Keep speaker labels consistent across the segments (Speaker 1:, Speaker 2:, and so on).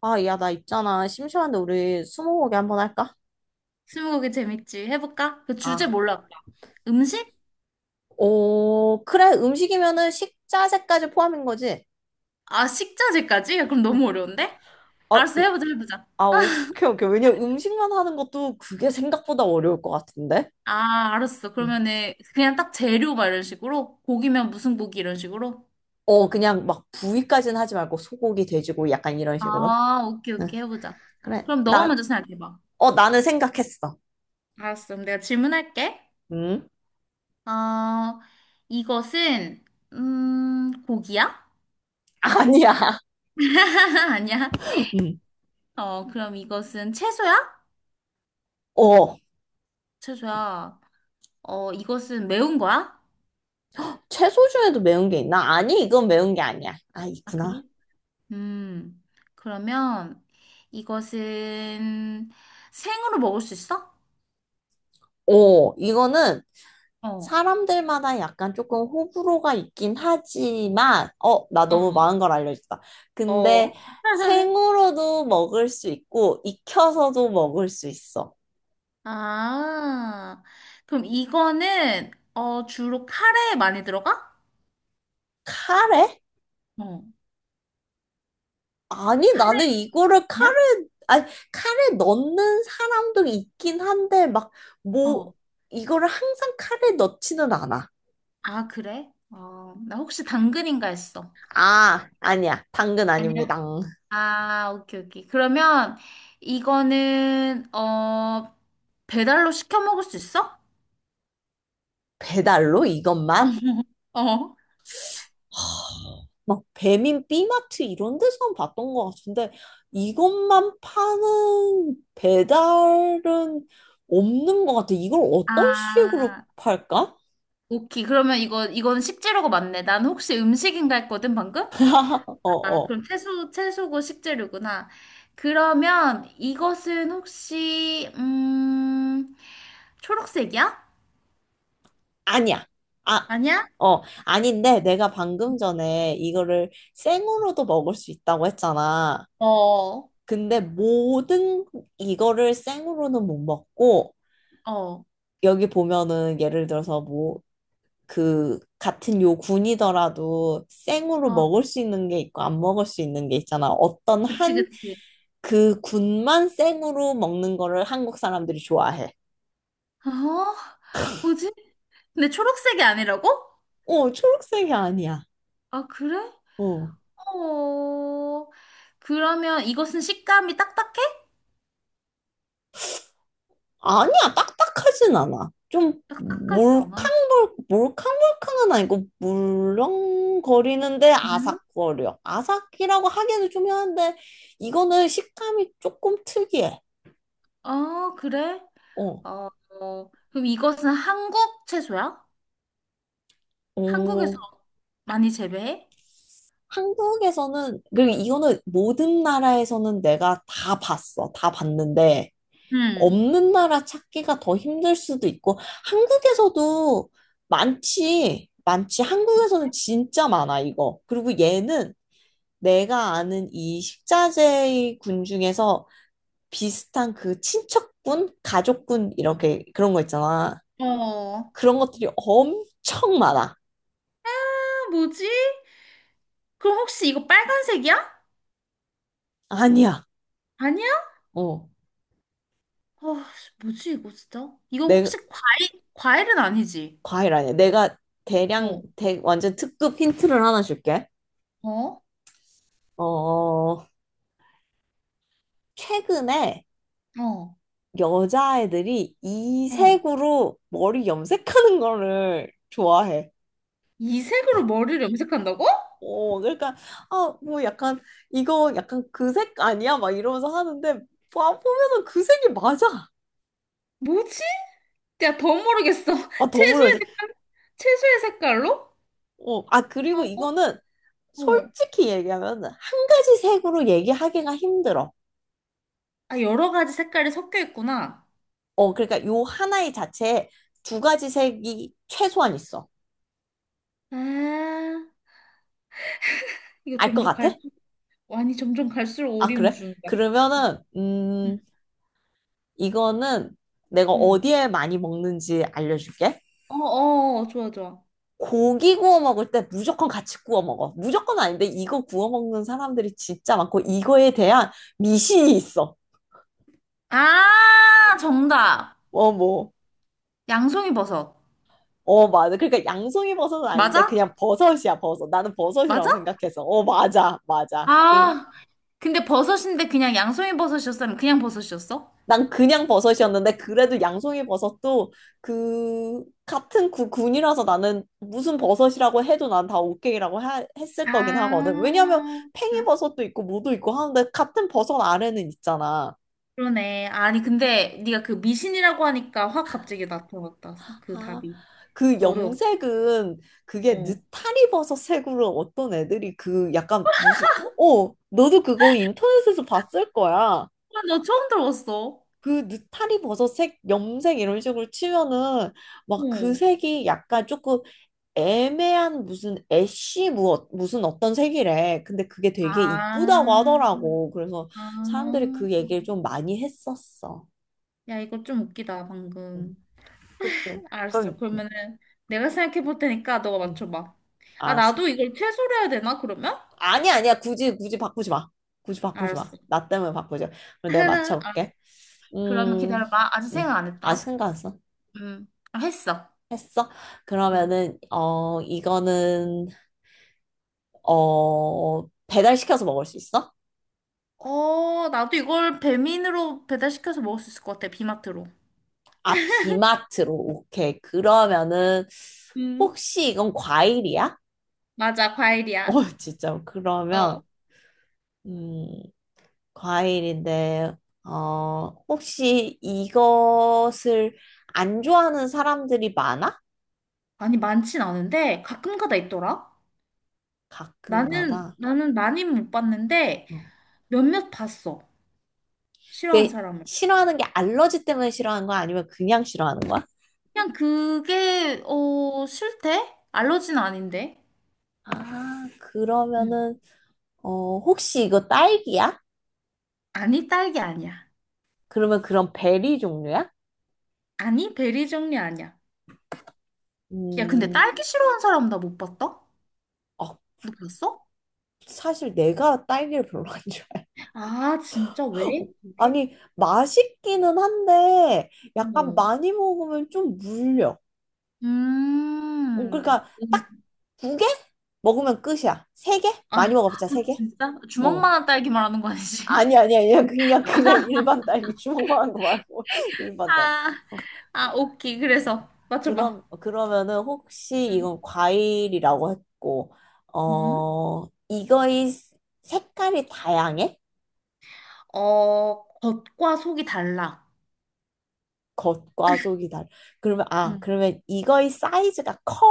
Speaker 1: 야, 나 있잖아. 심심한데 우리 스무고개 한번 할까?
Speaker 2: 스무고개 재밌지. 해볼까? 그 주제
Speaker 1: 아,
Speaker 2: 몰라. 음식?
Speaker 1: 오, 그래. 음식이면은 식자재까지 포함인 거지?
Speaker 2: 아, 식자재까지? 야, 그럼
Speaker 1: 어.
Speaker 2: 너무 어려운데?
Speaker 1: 아,
Speaker 2: 알았어,
Speaker 1: 으.
Speaker 2: 해보자, 해보자.
Speaker 1: 오케이, 오케이. 왜냐면 음식만 하는 것도 그게 생각보다 어려울 것 같은데?
Speaker 2: 아, 알았어.
Speaker 1: 응.
Speaker 2: 그러면은 그냥 딱 재료 막 이런 식으로? 고기면 무슨 고기 이런 식으로?
Speaker 1: 그냥 막 부위까지는 하지 말고 소고기, 돼지고 약간 이런 식으로.
Speaker 2: 아, 오케이,
Speaker 1: 응,
Speaker 2: 오케이, 해보자.
Speaker 1: 그래.
Speaker 2: 그럼 너가 먼저 생각해봐.
Speaker 1: 나는 생각했어.
Speaker 2: 알았어, 그럼 내가 질문할게.
Speaker 1: 응?
Speaker 2: 어, 이것은, 고기야?
Speaker 1: 아니야.
Speaker 2: 아니야.
Speaker 1: 응.
Speaker 2: 어, 그럼 이것은 채소야?
Speaker 1: 어,
Speaker 2: 채소야. 어, 이것은 매운 거야?
Speaker 1: 채소 중에도 매운 게 있나? 아니, 이건 매운 게 아니야. 아,
Speaker 2: 아, 그래?
Speaker 1: 있구나.
Speaker 2: 음, 그러면 이것은 생으로 먹을 수 있어?
Speaker 1: 이거는
Speaker 2: 어,
Speaker 1: 사람들마다 약간 조금 호불호가 있긴 하지만, 나 너무
Speaker 2: 어,
Speaker 1: 많은 걸 알려줬다. 근데
Speaker 2: 어.
Speaker 1: 생으로도 먹을 수 있고, 익혀서도 먹을 수 있어.
Speaker 2: 아, 그럼 이거는 어, 주로 카레에 많이 들어가?
Speaker 1: 카레?
Speaker 2: 어,
Speaker 1: 아니, 나는
Speaker 2: 카레냐?
Speaker 1: 이거를 카레, 아니, 카레 넣는 사람도 있긴 한데, 막,
Speaker 2: 어.
Speaker 1: 뭐, 이거를 항상 카레 넣지는 않아.
Speaker 2: 아, 그래? 어, 나 혹시 당근인가 했어.
Speaker 1: 아, 아니야. 당근
Speaker 2: 아니야.
Speaker 1: 아닙니다.
Speaker 2: 아, 오케이, 오케이. 그러면 이거는 어, 배달로 시켜 먹을 수 있어?
Speaker 1: 배달로 이것만?
Speaker 2: 어.
Speaker 1: 막 배민 B마트 이런 데서는 봤던 것 같은데 이것만 파는 배달은 없는 것 같아. 이걸 어떤 식으로
Speaker 2: 아,
Speaker 1: 팔까?
Speaker 2: 오케이. 그러면 이거, 이건 식재료가 맞네. 난 혹시 음식인가 했거든, 방금?
Speaker 1: 어,
Speaker 2: 아,
Speaker 1: 어.
Speaker 2: 그럼 채소, 채소고 식재료구나. 그러면 이것은 혹시, 초록색이야?
Speaker 1: 아니야. 아,
Speaker 2: 아니야?
Speaker 1: 어. 아닌데 내가 방금 전에 이거를 생으로도 먹을 수 있다고 했잖아.
Speaker 2: 어, 어,
Speaker 1: 근데 모든 이거를 생으로는 못 먹고
Speaker 2: 어.
Speaker 1: 여기 보면은 예를 들어서 뭐 그 같은 요 군이더라도 생으로 먹을 수 있는 게 있고 안 먹을 수 있는 게 있잖아. 어떤
Speaker 2: 그치,
Speaker 1: 한
Speaker 2: 그치.
Speaker 1: 그 군만 생으로 먹는 거를 한국 사람들이 좋아해.
Speaker 2: 어? 뭐지? 근데 초록색이 아니라고?
Speaker 1: 초록색이 아니야.
Speaker 2: 아, 그래?
Speaker 1: 어.
Speaker 2: 어, 그러면 이것은 식감이 딱딱해?
Speaker 1: 아니야, 딱딱하진 않아. 좀
Speaker 2: 딱딱하진 않아.
Speaker 1: 몰캉몰캉은 아니고 물렁거리는데
Speaker 2: 별로?
Speaker 1: 아삭거려. 아삭이라고 하기에는 좀 이한데 이거는 식감이 조금 특이해.
Speaker 2: 아, 그래?
Speaker 1: 어.
Speaker 2: 어, 어, 그럼 이것은 한국 채소야? 한국에서
Speaker 1: 어.
Speaker 2: 많이 재배해?
Speaker 1: 한국에서는, 그리고 이거는 모든 나라에서는 내가 다 봤어. 다 봤는데,
Speaker 2: 응.
Speaker 1: 없는 나라 찾기가 더 힘들 수도 있고, 한국에서도 많지. 많지. 한국에서는 진짜 많아, 이거. 그리고 얘는 내가 아는 이 식자재 군 중에서 비슷한 그 친척군, 가족군, 이렇게 그런 거 있잖아.
Speaker 2: 어,
Speaker 1: 그런 것들이 엄청 많아.
Speaker 2: 아, 뭐지? 그럼 혹시 이거 빨간색이야?
Speaker 1: 아니야.
Speaker 2: 아니야?
Speaker 1: 어.
Speaker 2: 어, 뭐지 이거 진짜? 이거
Speaker 1: 내,
Speaker 2: 혹시 과일, 과일은 아니지?
Speaker 1: 과일 아니야. 내가 대량,
Speaker 2: 어,
Speaker 1: 완전 특급 힌트를 하나 줄게.
Speaker 2: 어,
Speaker 1: 어, 최근에
Speaker 2: 어,
Speaker 1: 여자애들이
Speaker 2: 어.
Speaker 1: 이색으로 머리 염색하는 거를 좋아해.
Speaker 2: 이 색으로 머리를 염색한다고?
Speaker 1: 그러니까, 아, 뭐 약간, 이거 약간 그 색 아니야? 막 이러면서 하는데, 보면은 그 색이 맞아.
Speaker 2: 뭐지? 야, 더 모르겠어.
Speaker 1: 아, 더물어
Speaker 2: 채소의
Speaker 1: 이제.
Speaker 2: 색깔? 채소의 색깔로?
Speaker 1: 그리고
Speaker 2: 어,
Speaker 1: 이거는
Speaker 2: 어.
Speaker 1: 솔직히 얘기하면 한 가지 색으로 얘기하기가 힘들어.
Speaker 2: 아, 여러 가지 색깔이 섞여 있구나.
Speaker 1: 그러니까 요 하나의 자체에 두 가지 색이 최소한 있어.
Speaker 2: 아, 이거
Speaker 1: 알 것
Speaker 2: 점점 갈.
Speaker 1: 같아?
Speaker 2: 수 아니, 점점 갈수록
Speaker 1: 아, 그래?
Speaker 2: 오리무중이다.
Speaker 1: 그러면은,
Speaker 2: 응,
Speaker 1: 이거는 내가
Speaker 2: 응.
Speaker 1: 어디에 많이 먹는지 알려줄게.
Speaker 2: 어, 어, 어, 좋아, 좋아.
Speaker 1: 고기 구워 먹을 때 무조건 같이 구워 먹어. 무조건 아닌데 이거 구워 먹는 사람들이 진짜 많고 이거에 대한 미신이 있어.
Speaker 2: 아, 정답.
Speaker 1: 어, 뭐.
Speaker 2: 양송이 버섯.
Speaker 1: 어, 맞아. 그러니까 양송이 버섯은
Speaker 2: 맞아?
Speaker 1: 아닌데 그냥 버섯이야, 버섯. 나는 버섯이라고
Speaker 2: 맞아?
Speaker 1: 생각해서. 어, 맞아, 맞아.
Speaker 2: 아, 근데 버섯인데 그냥 양송이 버섯이었으면 그냥 버섯이었어?
Speaker 1: 난 그냥 버섯이었는데 그래도 양송이 버섯도 그 같은 군이라서 나는 무슨 버섯이라고 해도 난 다 오케이라고 했을
Speaker 2: 아,
Speaker 1: 거긴 하거든. 왜냐면 팽이 버섯도 있고 뭐도 있고 하는데 같은 버섯 아래는 있잖아.
Speaker 2: 그러네. 아니, 근데 네가 그 미신이라고 하니까 확 갑자기 나타났다. 그
Speaker 1: 아,
Speaker 2: 답이.
Speaker 1: 그
Speaker 2: 어려웠다.
Speaker 1: 염색은 그게
Speaker 2: 어.
Speaker 1: 느타리 버섯 색으로 어떤 애들이 그 약간 무슨 너도 그거 인터넷에서 봤을 거야.
Speaker 2: 아, 나 처음 들어봤어.
Speaker 1: 그 느타리 버섯 색 염색 이런 식으로 치면은 막 그
Speaker 2: 어.
Speaker 1: 색이 약간 조금 애매한 무슨 애쉬 무슨 어떤 색이래. 근데 그게 되게 이쁘다고
Speaker 2: 아,
Speaker 1: 하더라고. 그래서 사람들이
Speaker 2: 아.
Speaker 1: 그 얘기를 좀 많이 했었어.
Speaker 2: 야, 이거 좀 웃기다,
Speaker 1: 응,
Speaker 2: 방금.
Speaker 1: 그치.
Speaker 2: 알았어.
Speaker 1: 그럼,
Speaker 2: 그러면은 내가 생각해 볼 테니까 너가
Speaker 1: 응,
Speaker 2: 맞춰봐. 아,
Speaker 1: 알았어.
Speaker 2: 나도 이걸 최소로 해야 되나, 그러면?
Speaker 1: 아니, 야, 아니야. 굳이, 굳이 바꾸지 마. 굳이 바꾸지 마.
Speaker 2: 알았어.
Speaker 1: 나 때문에 바꾸지 마. 그럼 내가
Speaker 2: 아,
Speaker 1: 맞춰볼게.
Speaker 2: 그러면
Speaker 1: 음,
Speaker 2: 기다려봐. 아직 생각 안
Speaker 1: 아직
Speaker 2: 했다.
Speaker 1: 생각 안 했어?
Speaker 2: 아, 했어.
Speaker 1: 했어?
Speaker 2: 음.
Speaker 1: 그러면은, 이거는, 배달시켜서 먹을 수 있어?
Speaker 2: 어, 나도 이걸 배민으로 배달시켜서 먹을 수 있을 것 같아, 비마트로.
Speaker 1: 아, 비마트로. 오케이. 그러면은,
Speaker 2: 음.
Speaker 1: 혹시 이건 과일이야?
Speaker 2: 맞아,
Speaker 1: 어,
Speaker 2: 과일이야.
Speaker 1: 진짜. 그러면,
Speaker 2: 어.
Speaker 1: 음, 과일인데, 혹시 이것을 안 좋아하는 사람들이 많아?
Speaker 2: 아니, 많진 않은데 가끔 가다 있더라. 나는,
Speaker 1: 가끔가다.
Speaker 2: 나는 많이는 못 봤는데
Speaker 1: 어.
Speaker 2: 몇몇 봤어. 싫어하는
Speaker 1: 그,
Speaker 2: 사람을.
Speaker 1: 싫어하는 게 알러지 때문에 싫어하는 거야? 아니면 그냥 싫어하는 거야?
Speaker 2: 그냥 그게 어 싫대? 알러지는 아닌데.
Speaker 1: 아,
Speaker 2: 응.
Speaker 1: 그러면은, 혹시 이거 딸기야?
Speaker 2: 아니 딸기 아니야.
Speaker 1: 그러면 그런 베리 종류야?
Speaker 2: 아니 베리 종류 아니야. 야 근데
Speaker 1: 음,
Speaker 2: 딸기 싫어하는 사람 나 못 봤다?
Speaker 1: 어,
Speaker 2: 너 봤어?
Speaker 1: 사실 내가 딸기를 별로 안 좋아해요.
Speaker 2: 아 진짜 왜? 왜?
Speaker 1: 아니, 맛있기는 한데, 약간
Speaker 2: 어.
Speaker 1: 많이 먹으면 좀 물려.
Speaker 2: 음.
Speaker 1: 그러니까 딱
Speaker 2: 음.
Speaker 1: 두 개? 먹으면 끝이야. 세 개? 많이
Speaker 2: 아
Speaker 1: 먹어봤자 세 개?
Speaker 2: 진짜?
Speaker 1: 어.
Speaker 2: 주먹만한 딸기 말하는 거 아니지?
Speaker 1: 아니, 아니, 아니야. 그냥, 그냥 일반 딸기 주먹만 한 거 말고, 일반 딸기.
Speaker 2: 아,
Speaker 1: 어,
Speaker 2: 아 오케이. 그래서 맞춰봐.
Speaker 1: 그럼, 그러면은 혹시
Speaker 2: 응.
Speaker 1: 이건 과일이라고 했고,
Speaker 2: 음?
Speaker 1: 이거의 색깔이 다양해?
Speaker 2: 어 겉과 속이 달라.
Speaker 1: 겉과 속이 달라. 그러면 이거의 사이즈가 커?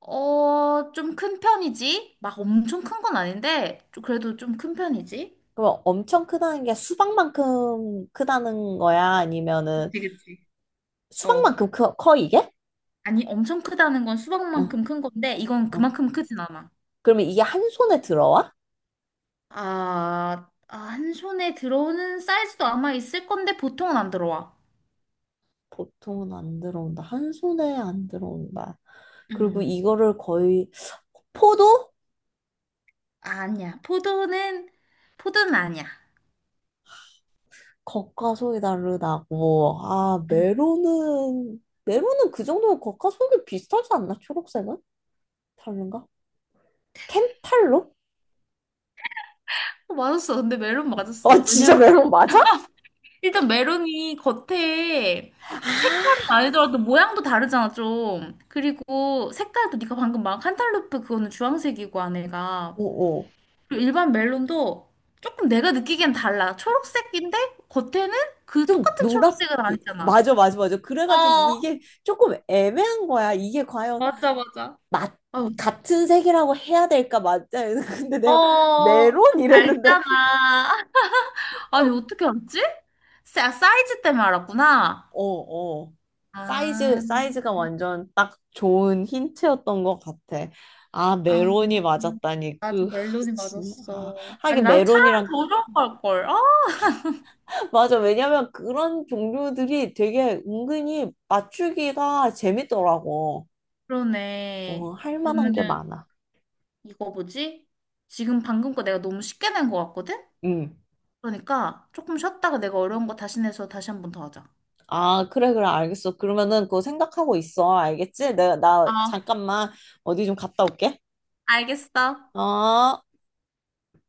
Speaker 2: 어, 좀 큰 편이지? 막 엄청 큰 건 아닌데, 그래도 좀 큰 편이지?
Speaker 1: 그럼 엄청 크다는 게 수박만큼 크다는 거야? 아니면은
Speaker 2: 그치, 그치. 어.
Speaker 1: 수박만큼 커, 커 이게?
Speaker 2: 아니, 엄청 크다는 건
Speaker 1: 응,
Speaker 2: 수박만큼 큰 건데, 이건
Speaker 1: 어.
Speaker 2: 그만큼 크진 않아.
Speaker 1: 그러면 이게 한 손에 들어와?
Speaker 2: 아, 아, 한 손에 들어오는 사이즈도 아마 있을 건데, 보통은 안 들어와.
Speaker 1: 보통은 안 들어온다. 한 손에 안 들어온다. 그리고
Speaker 2: 음.
Speaker 1: 이거를 거의, 포도?
Speaker 2: 아니야. 포도는, 포도는 아니야.
Speaker 1: 겉과 속이 다르다고. 아,
Speaker 2: 음.
Speaker 1: 메론은 그 정도면 겉과 속이 비슷하지 않나? 초록색은? 다른가? 켄탈로?
Speaker 2: 어, 맞았어. 근데 멜론
Speaker 1: 아,
Speaker 2: 맞았어.
Speaker 1: 진짜
Speaker 2: 왜냐면
Speaker 1: 메론 맞아?
Speaker 2: 일단 메론이 겉에 색깔이 아니더라도 모양도 다르잖아, 좀. 그리고 색깔도 네가 방금 막 칸탈루프 그거는 주황색이고 안에가.
Speaker 1: 어어.
Speaker 2: 그리고 일반 멜론도 조금 내가 느끼기엔 달라. 초록색인데 겉에는 그
Speaker 1: 좀
Speaker 2: 똑같은 초록색은
Speaker 1: 노랗게.
Speaker 2: 아니잖아.
Speaker 1: 맞아, 맞아, 맞아.
Speaker 2: 어,
Speaker 1: 그래가지고 이게 조금 애매한 거야. 이게 과연
Speaker 2: 맞아, 맞아.
Speaker 1: 맞,
Speaker 2: 어,
Speaker 1: 같은 색이라고 해야 될까? 맞아. 근데 내가
Speaker 2: 어,
Speaker 1: 메론
Speaker 2: 좀
Speaker 1: 이랬는데,
Speaker 2: 밝잖아. 아니, 어떻게 알았지? 사이즈 때문에 알았구나.
Speaker 1: 어, 어.
Speaker 2: 아.
Speaker 1: 사이즈가 완전 딱 좋은 힌트였던 것 같아. 아,
Speaker 2: 아,
Speaker 1: 메론이 맞았다니.
Speaker 2: 맞아. 멜로디
Speaker 1: 진, 아,
Speaker 2: 맞았어. 아니,
Speaker 1: 하긴
Speaker 2: 나 차라리
Speaker 1: 메론이랑,
Speaker 2: 더 좋은 걸걸. 아,
Speaker 1: 맞아. 왜냐면 그런 종류들이 되게 은근히 맞추기가 재밌더라고.
Speaker 2: 그러네.
Speaker 1: 할 만한 게
Speaker 2: 그러면은,
Speaker 1: 많아.
Speaker 2: 이거 뭐지? 지금 방금 거 내가 너무 쉽게 낸 것 같거든?
Speaker 1: 응.
Speaker 2: 그러니까, 조금 쉬었다가 내가 어려운 거 다시 내서 다시 한 번 더 하자.
Speaker 1: 아, 그래, 그래, 알겠어. 그러면은 그거 생각하고 있어. 알겠지? 나
Speaker 2: 어,
Speaker 1: 잠깐만 어디 좀 갔다 올게.
Speaker 2: 알겠어.
Speaker 1: 어.